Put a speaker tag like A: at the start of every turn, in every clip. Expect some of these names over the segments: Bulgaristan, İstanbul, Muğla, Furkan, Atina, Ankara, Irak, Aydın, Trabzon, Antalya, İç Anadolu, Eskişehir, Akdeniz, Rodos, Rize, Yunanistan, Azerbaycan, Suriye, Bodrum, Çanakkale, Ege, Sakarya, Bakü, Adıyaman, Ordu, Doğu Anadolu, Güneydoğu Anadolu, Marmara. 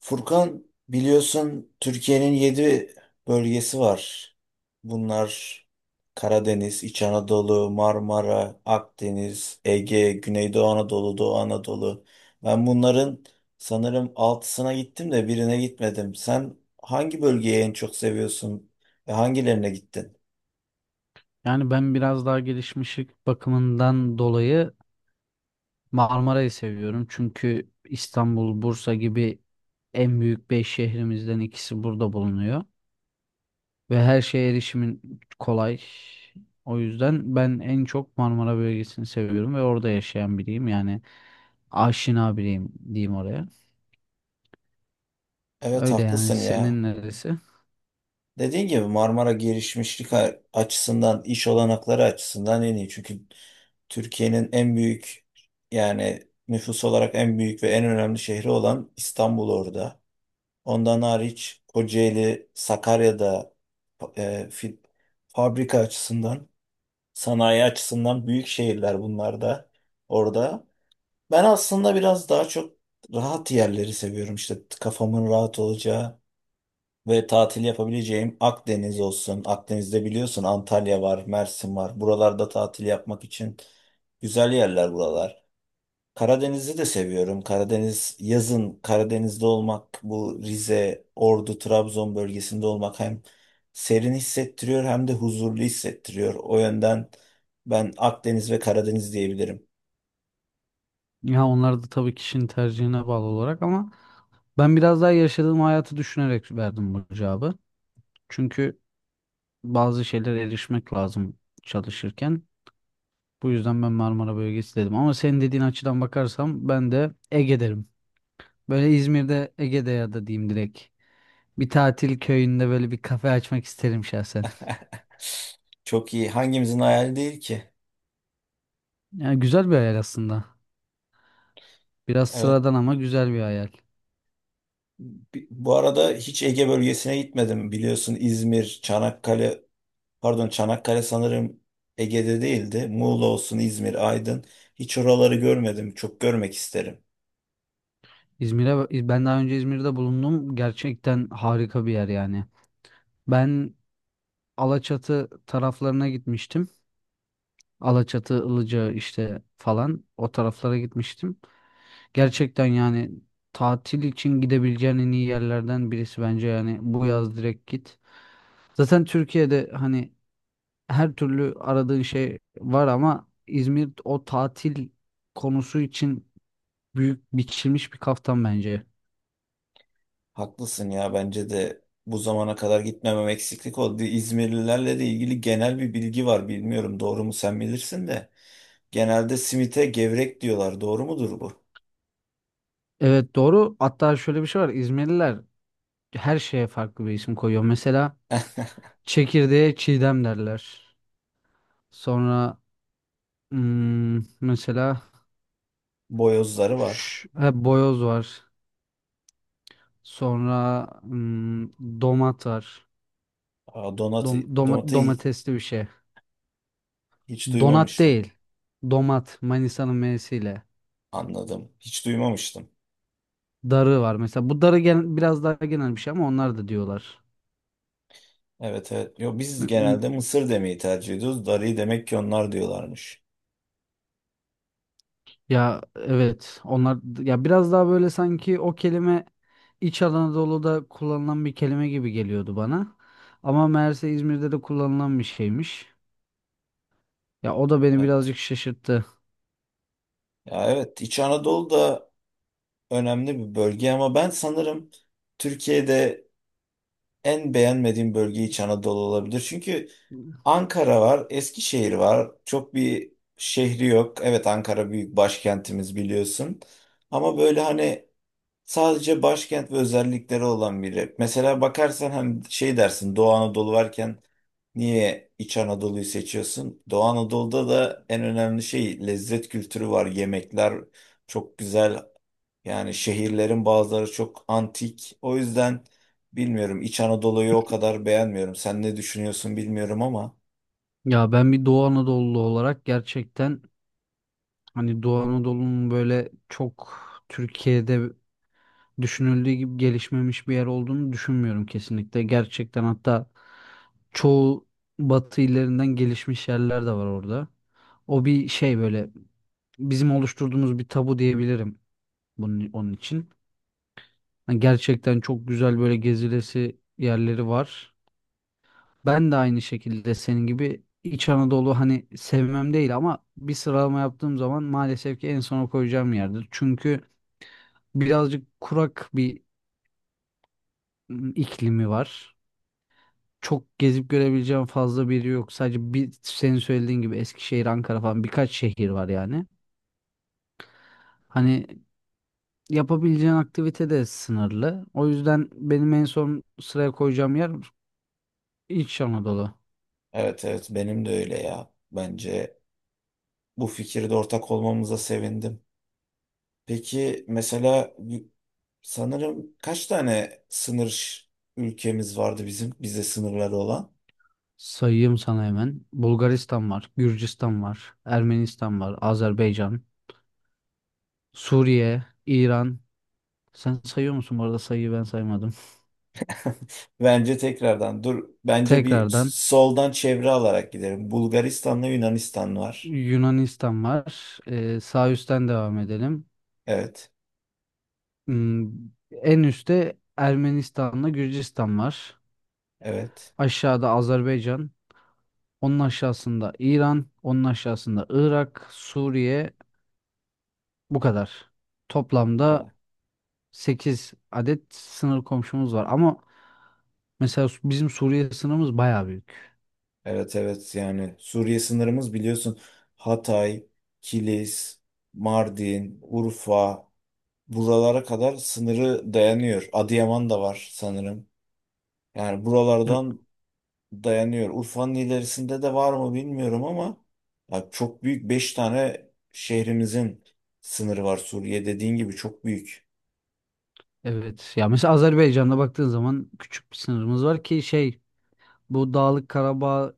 A: Furkan biliyorsun Türkiye'nin 7 bölgesi var. Bunlar Karadeniz, İç Anadolu, Marmara, Akdeniz, Ege, Güneydoğu Anadolu, Doğu Anadolu. Ben bunların sanırım altısına gittim de birine gitmedim. Sen hangi bölgeyi en çok seviyorsun ve hangilerine gittin?
B: Yani ben biraz daha gelişmişlik bakımından dolayı Marmara'yı seviyorum. Çünkü İstanbul, Bursa gibi en büyük 5 şehrimizden ikisi burada bulunuyor. Ve her şeye erişimin kolay. O yüzden ben en çok Marmara bölgesini seviyorum ve orada yaşayan biriyim. Yani aşina biriyim diyeyim oraya.
A: Evet,
B: Öyle yani
A: haklısın ya.
B: senin neresi?
A: Dediğin gibi Marmara gelişmişlik açısından, iş olanakları açısından en iyi. Çünkü Türkiye'nin en büyük, yani nüfus olarak en büyük ve en önemli şehri olan İstanbul orada. Ondan hariç Kocaeli, Sakarya'da e, fi- fabrika açısından, sanayi açısından büyük şehirler, bunlar da orada. Ben aslında biraz daha çok rahat yerleri seviyorum. İşte kafamın rahat olacağı ve tatil yapabileceğim Akdeniz olsun. Akdeniz'de biliyorsun Antalya var, Mersin var. Buralarda tatil yapmak için güzel yerler buralar. Karadeniz'i de seviyorum. Karadeniz, yazın Karadeniz'de olmak, bu Rize, Ordu, Trabzon bölgesinde olmak hem serin hissettiriyor hem de huzurlu hissettiriyor. O yönden ben Akdeniz ve Karadeniz diyebilirim.
B: Ya onlar da tabii kişinin tercihine bağlı olarak ama ben biraz daha yaşadığım hayatı düşünerek verdim bu cevabı. Çünkü bazı şeylere erişmek lazım çalışırken. Bu yüzden ben Marmara bölgesi dedim. Ama senin dediğin açıdan bakarsam ben de Ege derim. Böyle İzmir'de Ege'de ya da diyeyim direkt. Bir tatil köyünde böyle bir kafe açmak isterim şahsen.
A: Çok iyi. Hangimizin hayali değil ki?
B: Yani güzel bir hayal aslında. Biraz
A: Evet.
B: sıradan ama güzel bir hayal.
A: Bu arada hiç Ege bölgesine gitmedim. Biliyorsun İzmir, Çanakkale, pardon Çanakkale sanırım Ege'de değildi. Muğla olsun, İzmir, Aydın. Hiç oraları görmedim. Çok görmek isterim.
B: İzmir'e ben daha önce İzmir'de bulundum. Gerçekten harika bir yer yani. Ben Alaçatı taraflarına gitmiştim. Alaçatı, Ilıca işte falan o taraflara gitmiştim. Gerçekten yani tatil için gidebileceğin en iyi yerlerden birisi bence yani bu yaz direkt git. Zaten Türkiye'de hani her türlü aradığın şey var ama İzmir o tatil konusu için büyük biçilmiş bir kaftan bence.
A: Haklısın ya, bence de bu zamana kadar gitmemem eksiklik oldu. İzmirlilerle de ilgili genel bir bilgi var. Bilmiyorum doğru mu, sen bilirsin de. Genelde simite gevrek diyorlar. Doğru mudur bu?
B: Evet doğru. Hatta şöyle bir şey var. İzmirliler her şeye farklı bir isim koyuyor. Mesela çekirdeğe çiğdem derler. Sonra mesela
A: Boyozları var.
B: ha, boyoz var. Sonra domat var.
A: Aa, Donat, donatı
B: Domatesli bir şey.
A: hiç
B: Donat
A: duymamıştım.
B: değil. Domat. Manisa'nın M'siyle.
A: Anladım. Hiç duymamıştım.
B: Darı var mesela. Bu darı biraz daha genel bir şey ama onlar da diyorlar.
A: Evet, evet. Yo, biz
B: M-
A: genelde
B: m-
A: mısır demeyi tercih ediyoruz. Darıyı demek ki onlar diyorlarmış.
B: Ya evet. Onlar ya biraz daha böyle sanki o kelime İç Anadolu'da kullanılan bir kelime gibi geliyordu bana. Ama meğerse İzmir'de de kullanılan bir şeymiş. Ya o da beni
A: Evet.
B: birazcık şaşırttı.
A: Ya evet, İç Anadolu da önemli bir bölge ama ben sanırım Türkiye'de en beğenmediğim bölge İç Anadolu olabilir. Çünkü Ankara var, Eskişehir var. Çok bir şehri yok. Evet, Ankara büyük başkentimiz, biliyorsun. Ama böyle hani sadece başkent ve özellikleri olan biri. Mesela bakarsan hem şey dersin, Doğu Anadolu varken niye İç Anadolu'yu seçiyorsun? Doğu Anadolu'da da en önemli şey lezzet kültürü var. Yemekler çok güzel. Yani şehirlerin bazıları çok antik. O yüzden bilmiyorum, İç Anadolu'yu o kadar beğenmiyorum. Sen ne düşünüyorsun bilmiyorum ama
B: Ya ben bir Doğu Anadolu olarak gerçekten hani Doğu Anadolu'nun böyle çok Türkiye'de düşünüldüğü gibi gelişmemiş bir yer olduğunu düşünmüyorum kesinlikle. Gerçekten hatta çoğu batı illerinden gelişmiş yerler de var orada. O bir şey böyle bizim oluşturduğumuz bir tabu diyebilirim bunun onun için. Yani gerçekten çok güzel böyle gezilesi yerleri var. Ben de aynı şekilde senin gibi İç Anadolu hani sevmem değil ama bir sıralama yaptığım zaman maalesef ki en sona koyacağım yerdir. Çünkü birazcık kurak bir iklimi var. Çok gezip görebileceğim fazla bir yer yok. Sadece bir senin söylediğin gibi Eskişehir, Ankara falan birkaç şehir var yani. Hani yapabileceğin aktivite de sınırlı. O yüzden benim en son sıraya koyacağım yer İç Anadolu.
A: evet, evet, benim de öyle ya. Bence bu fikirde ortak olmamıza sevindim. Peki mesela sanırım kaç tane sınır ülkemiz vardı, bizim bize sınırları olan?
B: Sayayım sana hemen. Bulgaristan var, Gürcistan var, Ermenistan var, Azerbaycan, Suriye, İran. Sen sayıyor musun? Bu arada sayıyı ben saymadım.
A: Bence tekrardan dur. Bence bir
B: Tekrardan
A: soldan çevre alarak gidelim. Bulgaristan'la Yunanistan var.
B: Yunanistan var. Sağ üstten devam edelim.
A: Evet.
B: Hmm, En üstte Ermenistan'la Gürcistan var.
A: Evet.
B: Aşağıda Azerbaycan. Onun aşağısında İran. Onun aşağısında Irak, Suriye. Bu kadar.
A: Bu
B: Toplamda
A: kadar.
B: 8 adet sınır komşumuz var. Ama mesela bizim Suriye sınırımız bayağı büyük.
A: Evet, evet, yani Suriye sınırımız biliyorsun Hatay, Kilis, Mardin, Urfa, buralara kadar sınırı dayanıyor. Adıyaman da var sanırım. Yani
B: E-
A: buralardan dayanıyor. Urfa'nın ilerisinde de var mı bilmiyorum ama ya çok büyük, 5 tane şehrimizin sınırı var Suriye, dediğin gibi çok büyük.
B: Evet. Ya mesela Azerbaycan'da baktığın zaman küçük bir sınırımız var ki şey bu Dağlık Karabağ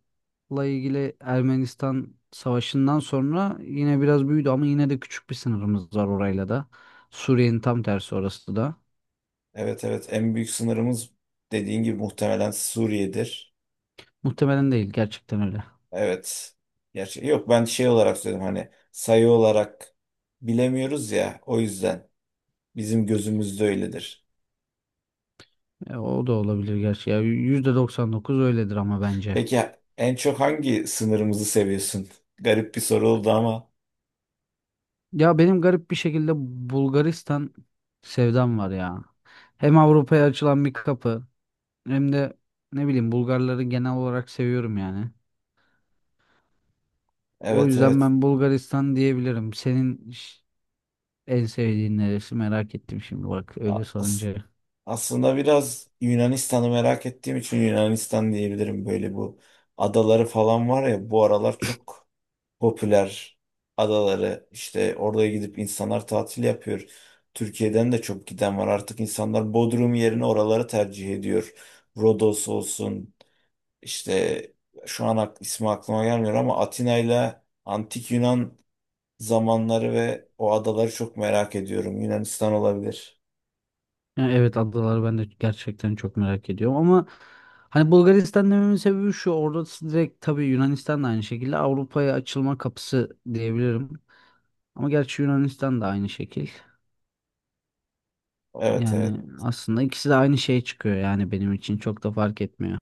B: ilgili Ermenistan savaşından sonra yine biraz büyüdü ama yine de küçük bir sınırımız var orayla da. Suriye'nin tam tersi orası da.
A: Evet, evet, en büyük sınırımız dediğin gibi muhtemelen Suriye'dir.
B: Muhtemelen değil gerçekten öyle.
A: Evet. Gerçi yok, ben şey olarak söyledim, hani sayı olarak bilemiyoruz ya, o yüzden bizim gözümüzde öyledir.
B: E, o da olabilir gerçi. Ya %99 öyledir ama bence.
A: Peki en çok hangi sınırımızı seviyorsun? Garip bir soru oldu ama
B: Ya benim garip bir şekilde Bulgaristan sevdam var ya. Hem Avrupa'ya açılan bir kapı hem de ne bileyim Bulgarları genel olarak seviyorum yani. O yüzden
A: evet,
B: ben Bulgaristan diyebilirim. Senin en sevdiğin neresi merak ettim şimdi bak öyle
A: evet.
B: sorunca.
A: Aslında biraz Yunanistan'ı merak ettiğim için Yunanistan diyebilirim. Böyle bu adaları falan var ya, bu aralar çok popüler adaları. İşte oraya gidip insanlar tatil yapıyor. Türkiye'den de çok giden var. Artık insanlar Bodrum yerine oraları tercih ediyor. Rodos olsun, işte şu an ismi aklıma gelmiyor ama Atina ile Antik Yunan zamanları ve o adaları çok merak ediyorum. Yunanistan olabilir.
B: Yani evet adaları ben de gerçekten çok merak ediyorum ama hani Bulgaristan dememin sebebi şu orada direkt tabii Yunanistan da aynı şekilde Avrupa'ya açılma kapısı diyebilirim. Ama gerçi Yunanistan da aynı şekil.
A: Evet, evet.
B: Yani aslında ikisi de aynı şeye çıkıyor yani benim için çok da fark etmiyor.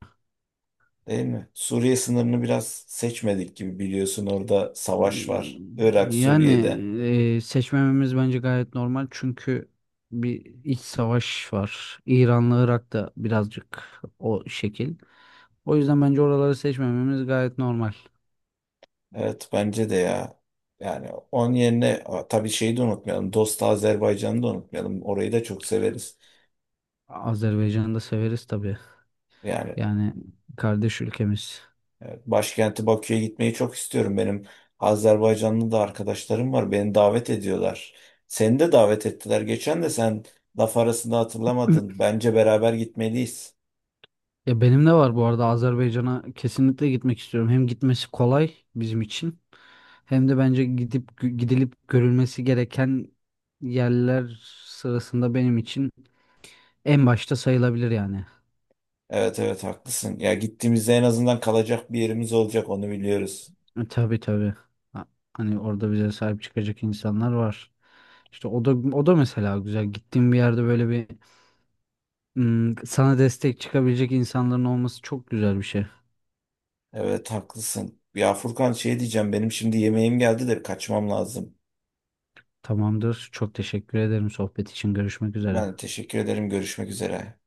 A: Değil mi? Suriye sınırını biraz seçmedik gibi, biliyorsun orada savaş
B: Ee,
A: var. Irak,
B: Yani
A: Suriye'de.
B: seçmememiz bence gayet normal çünkü bir iç savaş var. İran'la Irak da birazcık o şekil. O yüzden bence oraları seçmememiz gayet normal.
A: Evet, bence de ya. Yani onun yerine tabii şeyi de unutmayalım. Dost Azerbaycan'ı da unutmayalım. Orayı da çok severiz.
B: Azerbaycan'ı da severiz tabii.
A: Yani
B: Yani kardeş ülkemiz.
A: başkenti Bakü'ye gitmeyi çok istiyorum. Benim Azerbaycanlı da arkadaşlarım var. Beni davet ediyorlar. Seni de davet ettiler. Geçen de sen laf arasında hatırlamadın. Bence beraber gitmeliyiz.
B: Ya benim de var bu arada Azerbaycan'a kesinlikle gitmek istiyorum. Hem gitmesi kolay bizim için hem de bence gidip gidilip görülmesi gereken yerler sırasında benim için en başta sayılabilir yani.
A: Evet, evet, haklısın. Ya gittiğimizde en azından kalacak bir yerimiz olacak, onu biliyoruz.
B: E, tabii tabii. Ha- Hani orada bize sahip çıkacak insanlar var. İşte o da mesela güzel. Gittiğim bir yerde böyle bir sana destek çıkabilecek insanların olması çok güzel bir şey.
A: Evet, haklısın. Ya Furkan, şey diyeceğim, benim şimdi yemeğim geldi de kaçmam lazım.
B: Tamamdır. Çok teşekkür ederim sohbet için. Görüşmek üzere.
A: Ben teşekkür ederim, görüşmek üzere.